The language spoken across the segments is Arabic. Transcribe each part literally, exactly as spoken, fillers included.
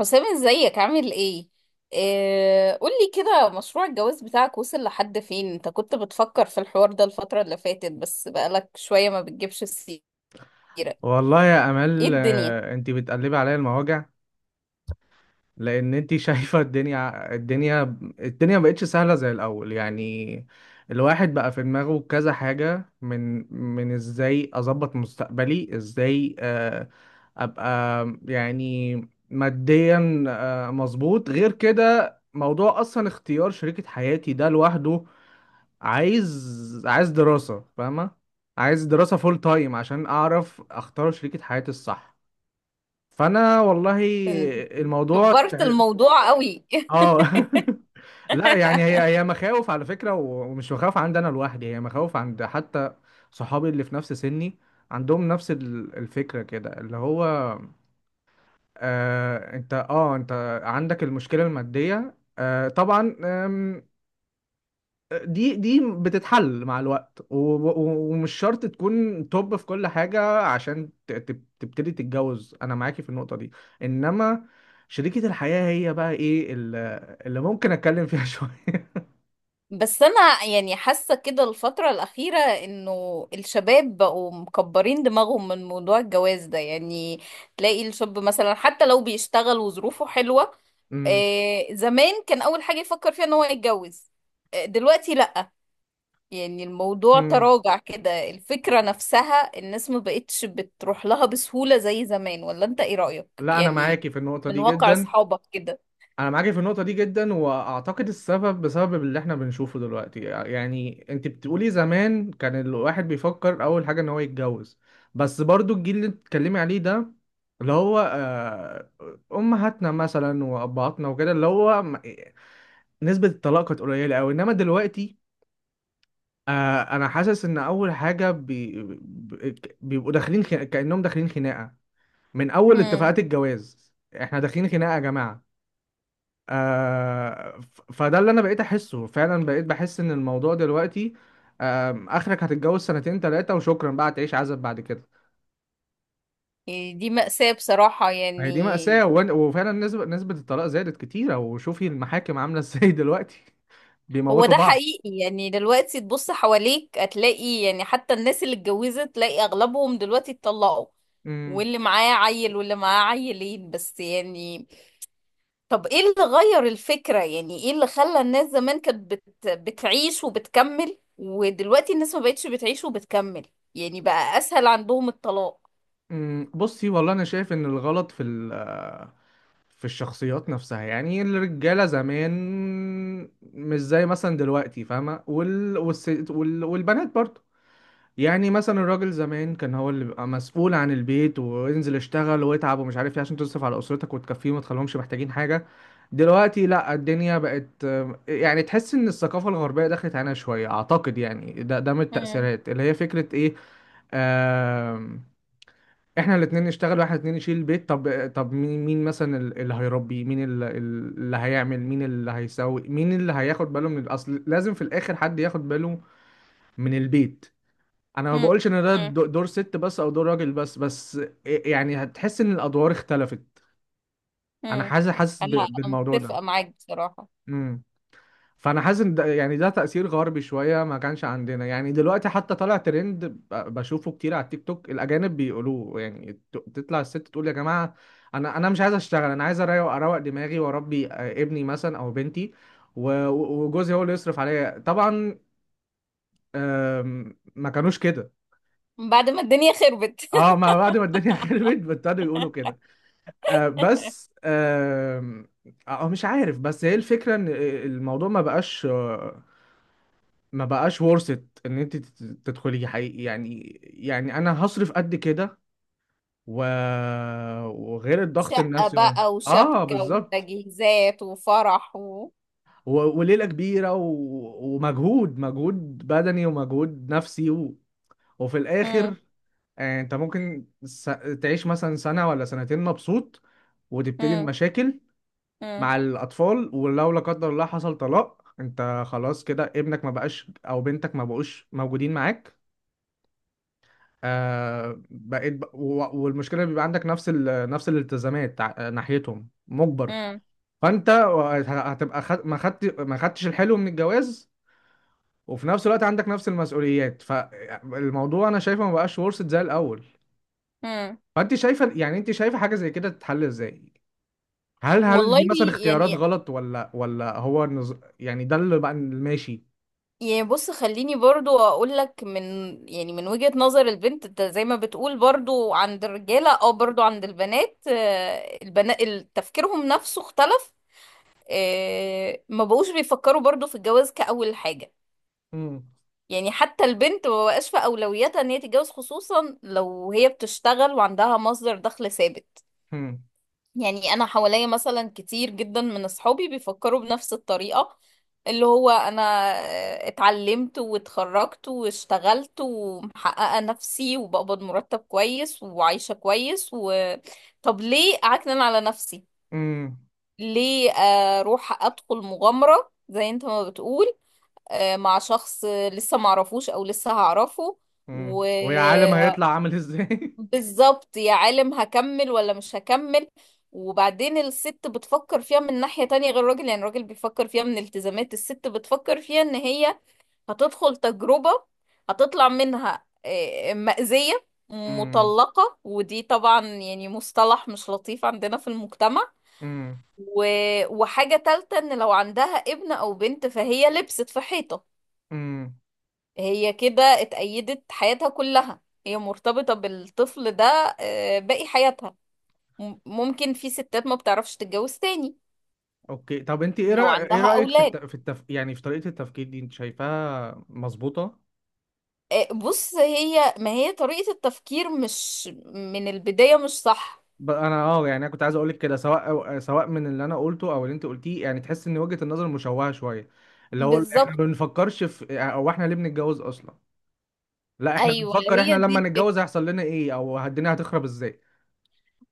حسام، ازيك عامل ايه؟ آه، قولي كده، مشروع الجواز بتاعك وصل لحد فين؟ انت كنت بتفكر في الحوار ده الفترة اللي فاتت، بس بقالك شوية ما بتجيبش السيرة. والله يا ايه امال، الدنيا؟ آه، انت بتقلبي عليا المواجع لان انت شايفه الدنيا الدنيا الدنيا مبقتش سهله زي الاول. يعني الواحد بقى في دماغه كذا حاجه، من من ازاي اظبط مستقبلي، ازاي آه، ابقى يعني ماديا آه، مظبوط. غير كده موضوع اصلا اختيار شريكه حياتي ده لوحده، عايز عايز دراسه، فاهمه؟ عايز دراسه فول تايم عشان اعرف اختار شريكه حياتي الصح. فانا والله انت الموضوع كبرت تع- الموضوع قوي. اه. لا يعني هي هي مخاوف على فكره، و- ومش مخاوف عندي انا لوحدي، هي مخاوف عند حتى صحابي اللي في نفس سني، عندهم نفس ال- الفكره كده، اللي هو آه انت اه انت عندك المشكله الماديه. آه طبعا دي دي بتتحل مع الوقت، و- و- ومش شرط تكون توب في كل حاجة عشان ت- ت- تبتدي تتجوز، أنا معاكي في النقطة دي. إنما شريكة الحياة هي بقى إيه، ال- اللي ممكن أتكلم فيها شوية. بس انا يعني حاسة كده الفترة الأخيرة انه الشباب بقوا مكبرين دماغهم من موضوع الجواز ده. يعني تلاقي الشاب مثلا حتى لو بيشتغل وظروفه حلوة، أمم. آه، زمان كان اول حاجة يفكر فيها ان هو يتجوز. آه، دلوقتي لا. يعني الموضوع أمم. تراجع كده، الفكرة نفسها الناس ما بقتش بتروح لها بسهولة زي زمان. ولا انت ايه رأيك لا أنا يعني؟ معاكي في النقطة من دي واقع جدا. اصحابك كده. انا معاكي في النقطه دي جدا، واعتقد السبب بسبب اللي احنا بنشوفه دلوقتي. يعني انت بتقولي زمان كان الواحد بيفكر اول حاجه ان هو يتجوز، بس برضو الجيل اللي بتتكلمي عليه ده، اللي هو آه، امهاتنا مثلا وابهاتنا وكده، اللي هو م- نسبه الطلاق كانت قليله قوي. انما دلوقتي آه، انا حاسس ان اول حاجه بي... بي- بيبقوا داخلين خ... كانهم داخلين خناقه من اول امم. اتفاقات الجواز. احنا داخلين خناقه يا جماعه. آه ف- فده اللي انا بقيت احسه فعلا، بقيت بحس ان الموضوع دلوقتي آم، اخرك هتتجوز سنتين ثلاثة وشكرا، بقى تعيش عزب بعد كده. دي مأساة بصراحة ما هي يعني. دي مأساة، وإن- وفعلا نسبة نسبة الطلاق زادت كتيرة، وشوفي المحاكم عاملة ازاي دلوقتي. هو بيموتوا ده بعض. حقيقي، يعني دلوقتي تبص حواليك هتلاقي يعني حتى الناس اللي اتجوزت تلاقي اغلبهم دلوقتي اتطلقوا. امم. واللي معاه عيل واللي معاه عيلين بس يعني. طب ايه اللي غير الفكرة؟ يعني ايه اللي خلى الناس زمان كانت بت... بتعيش وبتكمل ودلوقتي الناس ما بقتش بتعيش وبتكمل؟ يعني بقى اسهل عندهم الطلاق. أمم. بصي والله انا شايف ان الغلط في ال في الشخصيات نفسها. يعني الرجالة زمان مش زي مثلا دلوقتي، فاهمة؟ وال... والس... وال... والبنات برضه. يعني مثلا الراجل زمان كان هو اللي بيبقى مسؤول عن البيت، وينزل يشتغل ويتعب ومش عارف ايه، عشان تصرف على اسرتك وتكفيهم وتخليهمش محتاجين حاجه. دلوقتي لا، الدنيا بقت يعني تحس ان الثقافه الغربيه دخلت علينا شويه، اعتقد يعني ده ده من مم. التاثيرات، اللي هي فكره ايه، آم، احنا الاتنين نشتغل واحنا الاتنين نشيل البيت. طب طب مين مين مثلا ال- اللي هيربي، مين ال- ال- اللي هيعمل، مين اللي هيسوي، مين اللي هياخد باله من الاصل؟ لازم في الاخر حد ياخد باله من البيت. انا ما مم. بقولش ان ده مم. دو- دور ست بس او دور راجل بس بس يعني هتحس ان الادوار اختلفت. انا مم. حاسس حاسس ب- انا أنا بالموضوع ده. متفقة معاك بصراحة. امم. فانا حاسس ان ده يعني ده تأثير غربي شوية، ما كانش عندنا. يعني دلوقتي حتى طالع ترند، ب- بشوفه كتير على التيك توك، الاجانب بيقولوه. يعني ت- تطلع الست تقول يا جماعة، انا انا مش عايز اشتغل، انا عايز اروق اروق دماغي واربي آه، ابني مثلا او بنتي، و- و- وجوزي هو اللي يصرف عليا طبعا. آم، ما كانوش كده. بعد ما الدنيا خربت. اه، ما بعد ما الدنيا خربت ابتدوا يقولوا كده. آه بس آه آه مش عارف، بس هي الفكرة ان آه، الموضوع ما بقاش، آه، ما بقاش worth it ان انت تت- تدخلي حقيقي. يعني يعني انا هصرف قد كده، و... وغير الضغط شقة النفسي و... بقى اه وشبكة بالظبط، وتجهيزات وفرح و. و... وليلة كبيرة و... ومجهود، مجهود بدني ومجهود نفسي، و... وفي مم. الاخر آه، انت ممكن س... تعيش مثلا سنة ولا سنتين مبسوط وتبتدي مم. المشاكل مم. مع الأطفال. ولو لا قدر الله حصل طلاق، أنت خلاص كده ابنك ما بقاش أو بنتك ما بقوش موجودين معاك. آه بقيت ب... و- والمشكلة بيبقى عندك نفس ال... نفس الالتزامات ع- ناحيتهم مجبر. مم. فأنت هت- هتبقى خد... ما خدت ما خدتش الحلو من الجواز، وفي نفس الوقت عندك نفس المسؤوليات. فالموضوع أنا شايفه ما بقاش ورثة زي الأول. مم. فأنت شايفة، يعني أنت شايفة حاجة زي كده تتحل إزاي؟ هل هل دي والله، مثلا اختيارات يعني غلط، ولا ولا هو النظ... يعني ده اللي بقى ماشي؟ يعني بص، خليني برضو اقول لك من، يعني من وجهة نظر البنت، انت زي ما بتقول برضو عند الرجالة او برضو عند البنات البنات تفكيرهم نفسه اختلف. آه، ما بقوش بيفكروا برضو في الجواز كأول حاجة. امم. يعني حتى البنت ما بقاش في اولوياتها ان هي تتجوز، خصوصا لو هي بتشتغل وعندها مصدر دخل ثابت. امم. يعني انا حواليا مثلا كتير جدا من اصحابي بيفكروا بنفس الطريقة، اللي هو انا اتعلمت واتخرجت واشتغلت ومحققة نفسي وبقبض مرتب كويس وعايشة كويس و. طب ليه اعكنن على نفسي؟ امم. ليه اروح ادخل مغامرة زي انت ما بتقول، آه، مع شخص لسه معرفوش او لسه هعرفه؟ و. امم. ويا عالم هيطلع عامل ازاي. بالظبط، يا عالم هكمل ولا مش هكمل. وبعدين الست بتفكر فيها من ناحية تانية غير الراجل، يعني الراجل بيفكر فيها من التزامات، الست بتفكر فيها ان هي هتدخل تجربة هتطلع منها آه، مأزية، امم. مطلقة، ودي طبعا يعني مصطلح مش لطيف عندنا في المجتمع. امم. و. وحاجة تالتة ان لو عندها ابن او بنت فهي لبست في حيطة. امم. هي كده اتأيدت حياتها كلها، هي مرتبطة بالطفل ده آه، باقي حياتها. م- ممكن في ستات ما بتعرفش تتجوز تاني اوكي، طب انت ايه لو رأي... ايه عندها رأيك في الت... أولاد. في التف... يعني في طريقة التفكير دي، انت شايفاها مظبوطة؟ آه، بص، هي ما هي طريقة التفكير مش من البداية مش صح. ب- انا اه، يعني انا كنت عايز اقول لك كده، سواء أو... سواء من اللي انا قلته او اللي انت قلتيه، يعني تحس ان وجهة النظر مشوهة شوية، اللي هو احنا بالظبط. ما بنفكرش في او احنا ليه بنتجوز اصلا. لا احنا أيوة، بنفكر احنا هي دي لما الفكرة. نتجوز هيحصل لنا ايه، او الدنيا هتخرب ازاي.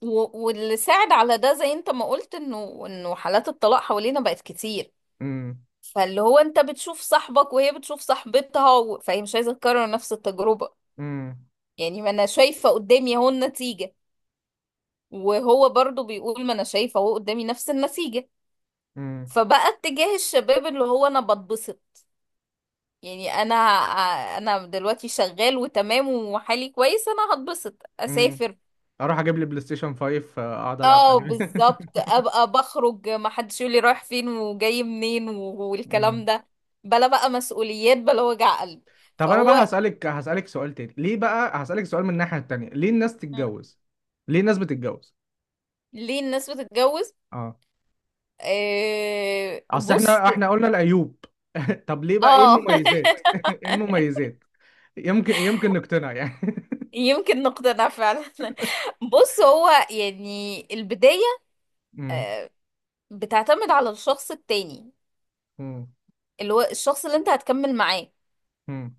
و- واللي ساعد على ده زي انت ما قلت انه انه حالات الطلاق حوالينا بقت كتير. امم. فاللي هو انت بتشوف صاحبك وهي بتشوف صاحبتها و. فهي مش عايزة تكرر نفس التجربة. امم. يعني ما انا شايفة قدامي اهو النتيجة، وهو برضو بيقول ما انا شايفة اهو قدامي نفس النتيجة. فبقى اتجاه الشباب اللي هو انا بتبسط. يعني انا انا دلوقتي شغال وتمام وحالي كويس، انا هتبسط امم. اسافر. اروح اجيب لي بلاي ستيشن خمسة، آه، اقعد العب اه عليه. بالظبط، ابقى بخرج ما حدش يقول لي رايح فين وجاي منين و- والكلام أمم. ده. بلا بقى مسؤوليات، بلا وجع قلب. طب انا بقى فهو. هسألك، هسألك سؤال تاني. ليه بقى؟ هسألك سؤال من الناحية التانية، ليه الناس مم. تتجوز، ليه الناس بتتجوز؟ ليه الناس بتتجوز؟ اه، آه، اصل بص. احنا احنا قلنا العيوب. طب ليه بقى، ايه اه. المميزات؟ ايه المميزات؟ يمكن يمكن نقتنع يعني. يمكن نقتنع فعلا. بص، هو يعني البداية أمم. بتعتمد على الشخص التاني، أمم. اللي هو الشخص اللي انت هتكمل معاه. أمم.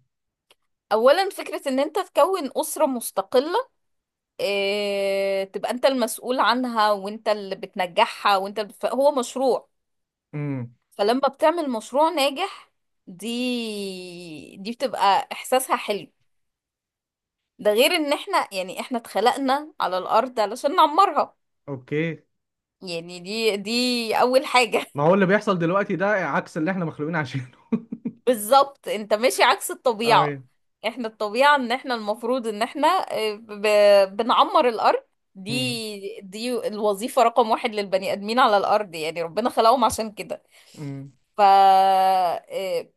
اولا فكرة ان انت تكون اسرة مستقلة، اه تبقى انت المسؤول عنها وانت اللي بتنجحها وانت اللي بتف... هو مشروع. أمم. فلما بتعمل مشروع ناجح دي دي بتبقى احساسها حلو. ده غير ان احنا يعني احنا اتخلقنا على الارض علشان نعمرها. اوكي. يعني دي دي اول حاجة. ما هو اللي بيحصل دلوقتي ده عكس اللي احنا مخلوقين عشانه. بالظبط، انت ماشي عكس اي الطبيعة. اوكي. احنا الطبيعة ان احنا المفروض ان احنا آه، ب... بنعمر الارض. أمم. دي دي الوظيفة رقم واحد للبني ادمين على الارض، يعني ربنا خلقهم عشان كده. ف آه،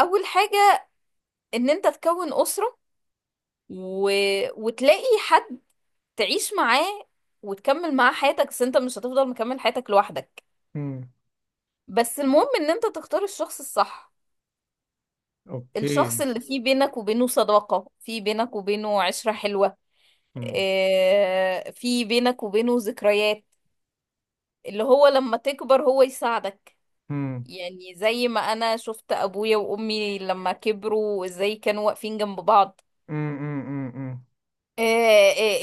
اول حاجة ان انت تكون اسرة، و. وتلاقي حد تعيش معاه وتكمل معاه حياتك، بس انت مش هتفضل مكمل حياتك لوحدك. أمم. بس المهم ان انت تختار الشخص الصح، الشخص اوكي. اللي فيه بينك وبينه صداقة، فيه بينك وبينه عشرة حلوة، أمم. آه، في بينك وبينه ذكريات، اللي هو لما تكبر هو يساعدك. أمم. يعني زي ما انا شفت ابويا وامي لما كبروا ازاي كانوا واقفين جنب بعض. أمم. أمم. آه،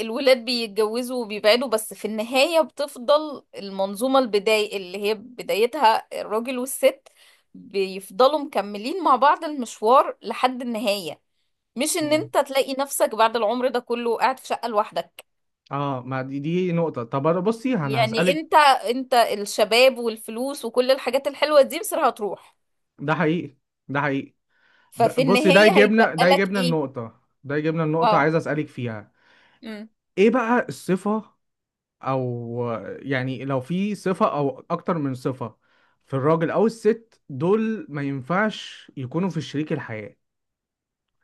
آه، الولاد بيتجوزوا وبيبعدوا، بس في النهاية بتفضل المنظومة البداية اللي هي بدايتها الراجل والست، بيفضلوا مكملين مع بعض المشوار لحد النهاية. مش ان مم. انت تلاقي نفسك بعد العمر ده كله قاعد في شقة لوحدك. اه، ما دي دي نقطة. طب أنا بصي، انا يعني هسألك. انت انت الشباب والفلوس وكل الحاجات الحلوة دي مصر هتروح، ده حقيقي، ده حقيقي. ب- ففي بصي ده النهاية يجيبنا، هيتبقى ده لك يجيبنا ايه؟ النقطة ده يجيبنا النقطة اه. عايز أسألك فيها. امم. ايه بقى الصفة او، يعني لو في صفة او اكتر من صفة في الراجل او الست دول، ما ينفعش يكونوا في شريك الحياة.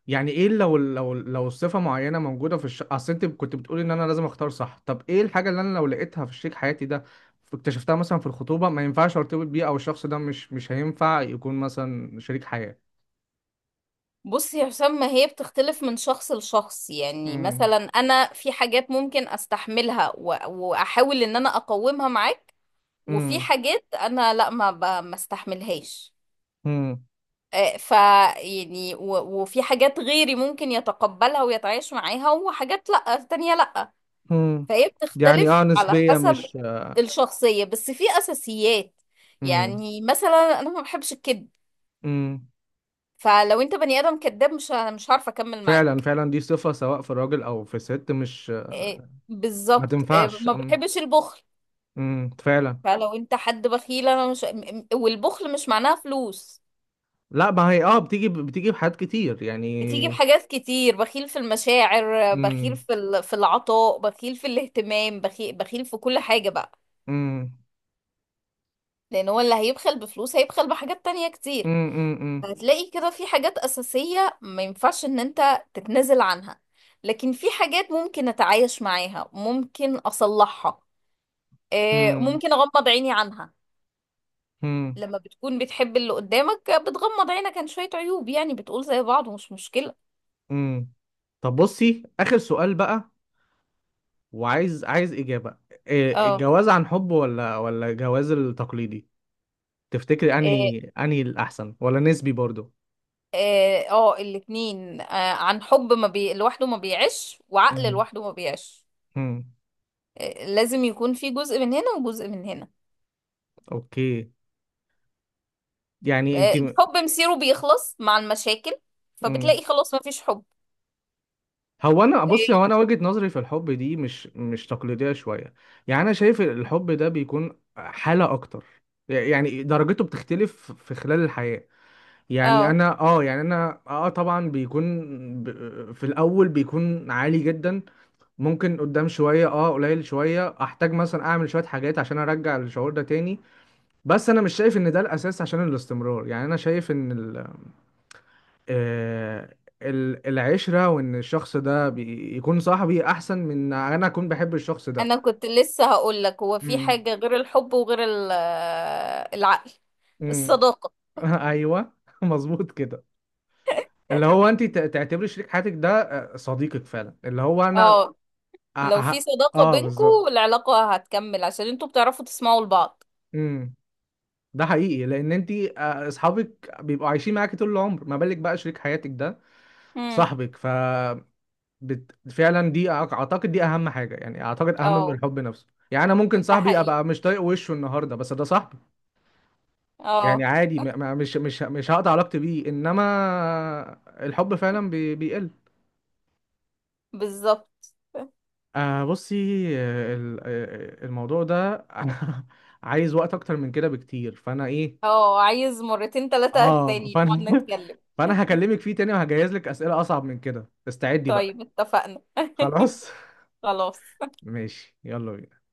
يعني ايه لو لو لو صفة معينة موجودة في الشيك، اصل انت كنت بتقولي ان انا لازم اختار صح. طب ايه الحاجة اللي انا لو لقيتها في شريك حياتي ده، اكتشفتها مثلا في الخطوبة، ما ينفعش ارتبط بيه، او الشخص ده مش مش هينفع يكون مثلا شريك حياة؟ بصي يا حسام، ما هي بتختلف من شخص لشخص، يعني امم. مثلا انا في حاجات ممكن استحملها و- واحاول ان انا اقومها معاك، وفي امم. حاجات انا لا، ما ب- ما استحملهاش. امم. آه، ف يعني و- وفي حاجات غيري ممكن يتقبلها ويتعايش معاها، وحاجات لا تانية لا. امم. فهي يعني بتختلف اه، على نسبية حسب مش. الشخصية، بس في أساسيات. امم. يعني مثلا أنا ما بحبش الكذب، امم. فلو أنت بني آدم كذاب مش مش عارفة أكمل فعلا، معاك. فعلا دي صفة سواء في الراجل او في الست، مش إيه؟ ما بالظبط، إيه. تنفعش. ما امم. بحبش البخل، امم. فعلا. فلو أنت حد بخيل أنا مش م- م- والبخل مش معناها فلوس، لا ما هي اه، بتيجي بتيجي بحاجات كتير يعني. بتيجي بحاجات كتير، بخيل في المشاعر، بخيل امم. في ال- في العطاء، بخيل في الاهتمام، بخيل بخيل في كل حاجة بقى. امم. لأن هو اللي هيبخل بفلوس هيبخل بحاجات تانية كتير. امم. امم. امم. هتلاقي كده في حاجات أساسية ما ينفعش إن أنت تتنازل عنها، لكن في حاجات ممكن أتعايش معاها، ممكن أصلحها، آه، امم. ممكن أغمض عيني عنها. امم. لما بتكون بتحب اللي قدامك بتغمض عينك عن شوية عيوب، يعني بتقول زي بعض ومش مشكلة. امم. طب بصي، آخر سؤال بقى، وعايز عايز إجابة. إيه، اه. الجواز عن حب ولا ولا الجواز التقليدي، تفتكري اه. أنهي أنهي الأحسن، ولا نسبي برضو؟ اه آه، الاتنين. آه، عن حب ما بي... لوحده ما بيعيش، وعقل امم. لوحده ما بيعيش. امم. آه، لازم يكون في جزء من هنا وجزء من هنا. أوكي، يعني آه، أنت. الحب مصيره بيخلص مع المشاكل، امم. فبتلاقي خلاص ما فيش حب. هو أنا بصي، هو إيه؟ أنا وجهة نظري في الحب دي مش مش تقليدية شوية. يعني أنا شايف الحب ده بيكون حالة أكتر، يعني درجته بتختلف في خلال الحياة. يعني اه، انا اه، يعني انا اه، آه، طبعا بيكون ب... في الاول بيكون عالي جدا. ممكن قدام شويه اه قليل شويه، احتاج مثلا اعمل شويه حاجات عشان ارجع الشعور ده تاني. بس انا مش شايف ان ده الاساس عشان الاستمرار. يعني انا شايف ان ال... آه ال- العشره، وان الشخص ده بي... يكون صاحبي احسن من انا اكون بحب الشخص ده. انا كنت لسه هقول لك هو في امم. حاجة غير الحب وغير ال- آه، العقل. امم. الصداقة. ايوه. مظبوط كده. اللي هو انت ت- تعتبري شريك حياتك ده آه، صديقك فعلا، اللي هو انا اه، لو في اه. صداقة آه بينكم بالظبط. العلاقة هتكمل عشان انتوا بتعرفوا تسمعوا لبعض. امم. ده حقيقي، لان انت اصحابك بيبقوا عايشين معاكي طول العمر، ما بالك بقى شريك حياتك ده امم. صاحبك. ف بت... فعلا دي أع- اعتقد دي اهم حاجه، يعني اعتقد اهم من اه. الحب نفسه. يعني انا ممكن ده صاحبي حقيقي. ابقى مش طايق وشه النهارده، بس ده صاحبي، يعني اه عادي. م... م- مش مش مش هقطع علاقتي بيه. انما الحب فعلا بي... بيقل. بالظبط. آه بصي، آه، ال- آه، الموضوع ده، انا عايز وقت اكتر من كده بكتير، فانا ايه، اه، عايز مرتين تلاتة اه تاني نقعد فانا. نتكلم. فانا هكلمك فيه تاني وهجهز لك اسئله اصعب من كده، استعدي بقى. طيب، اتفقنا. خلاص. خلاص. ماشي، يلا بينا.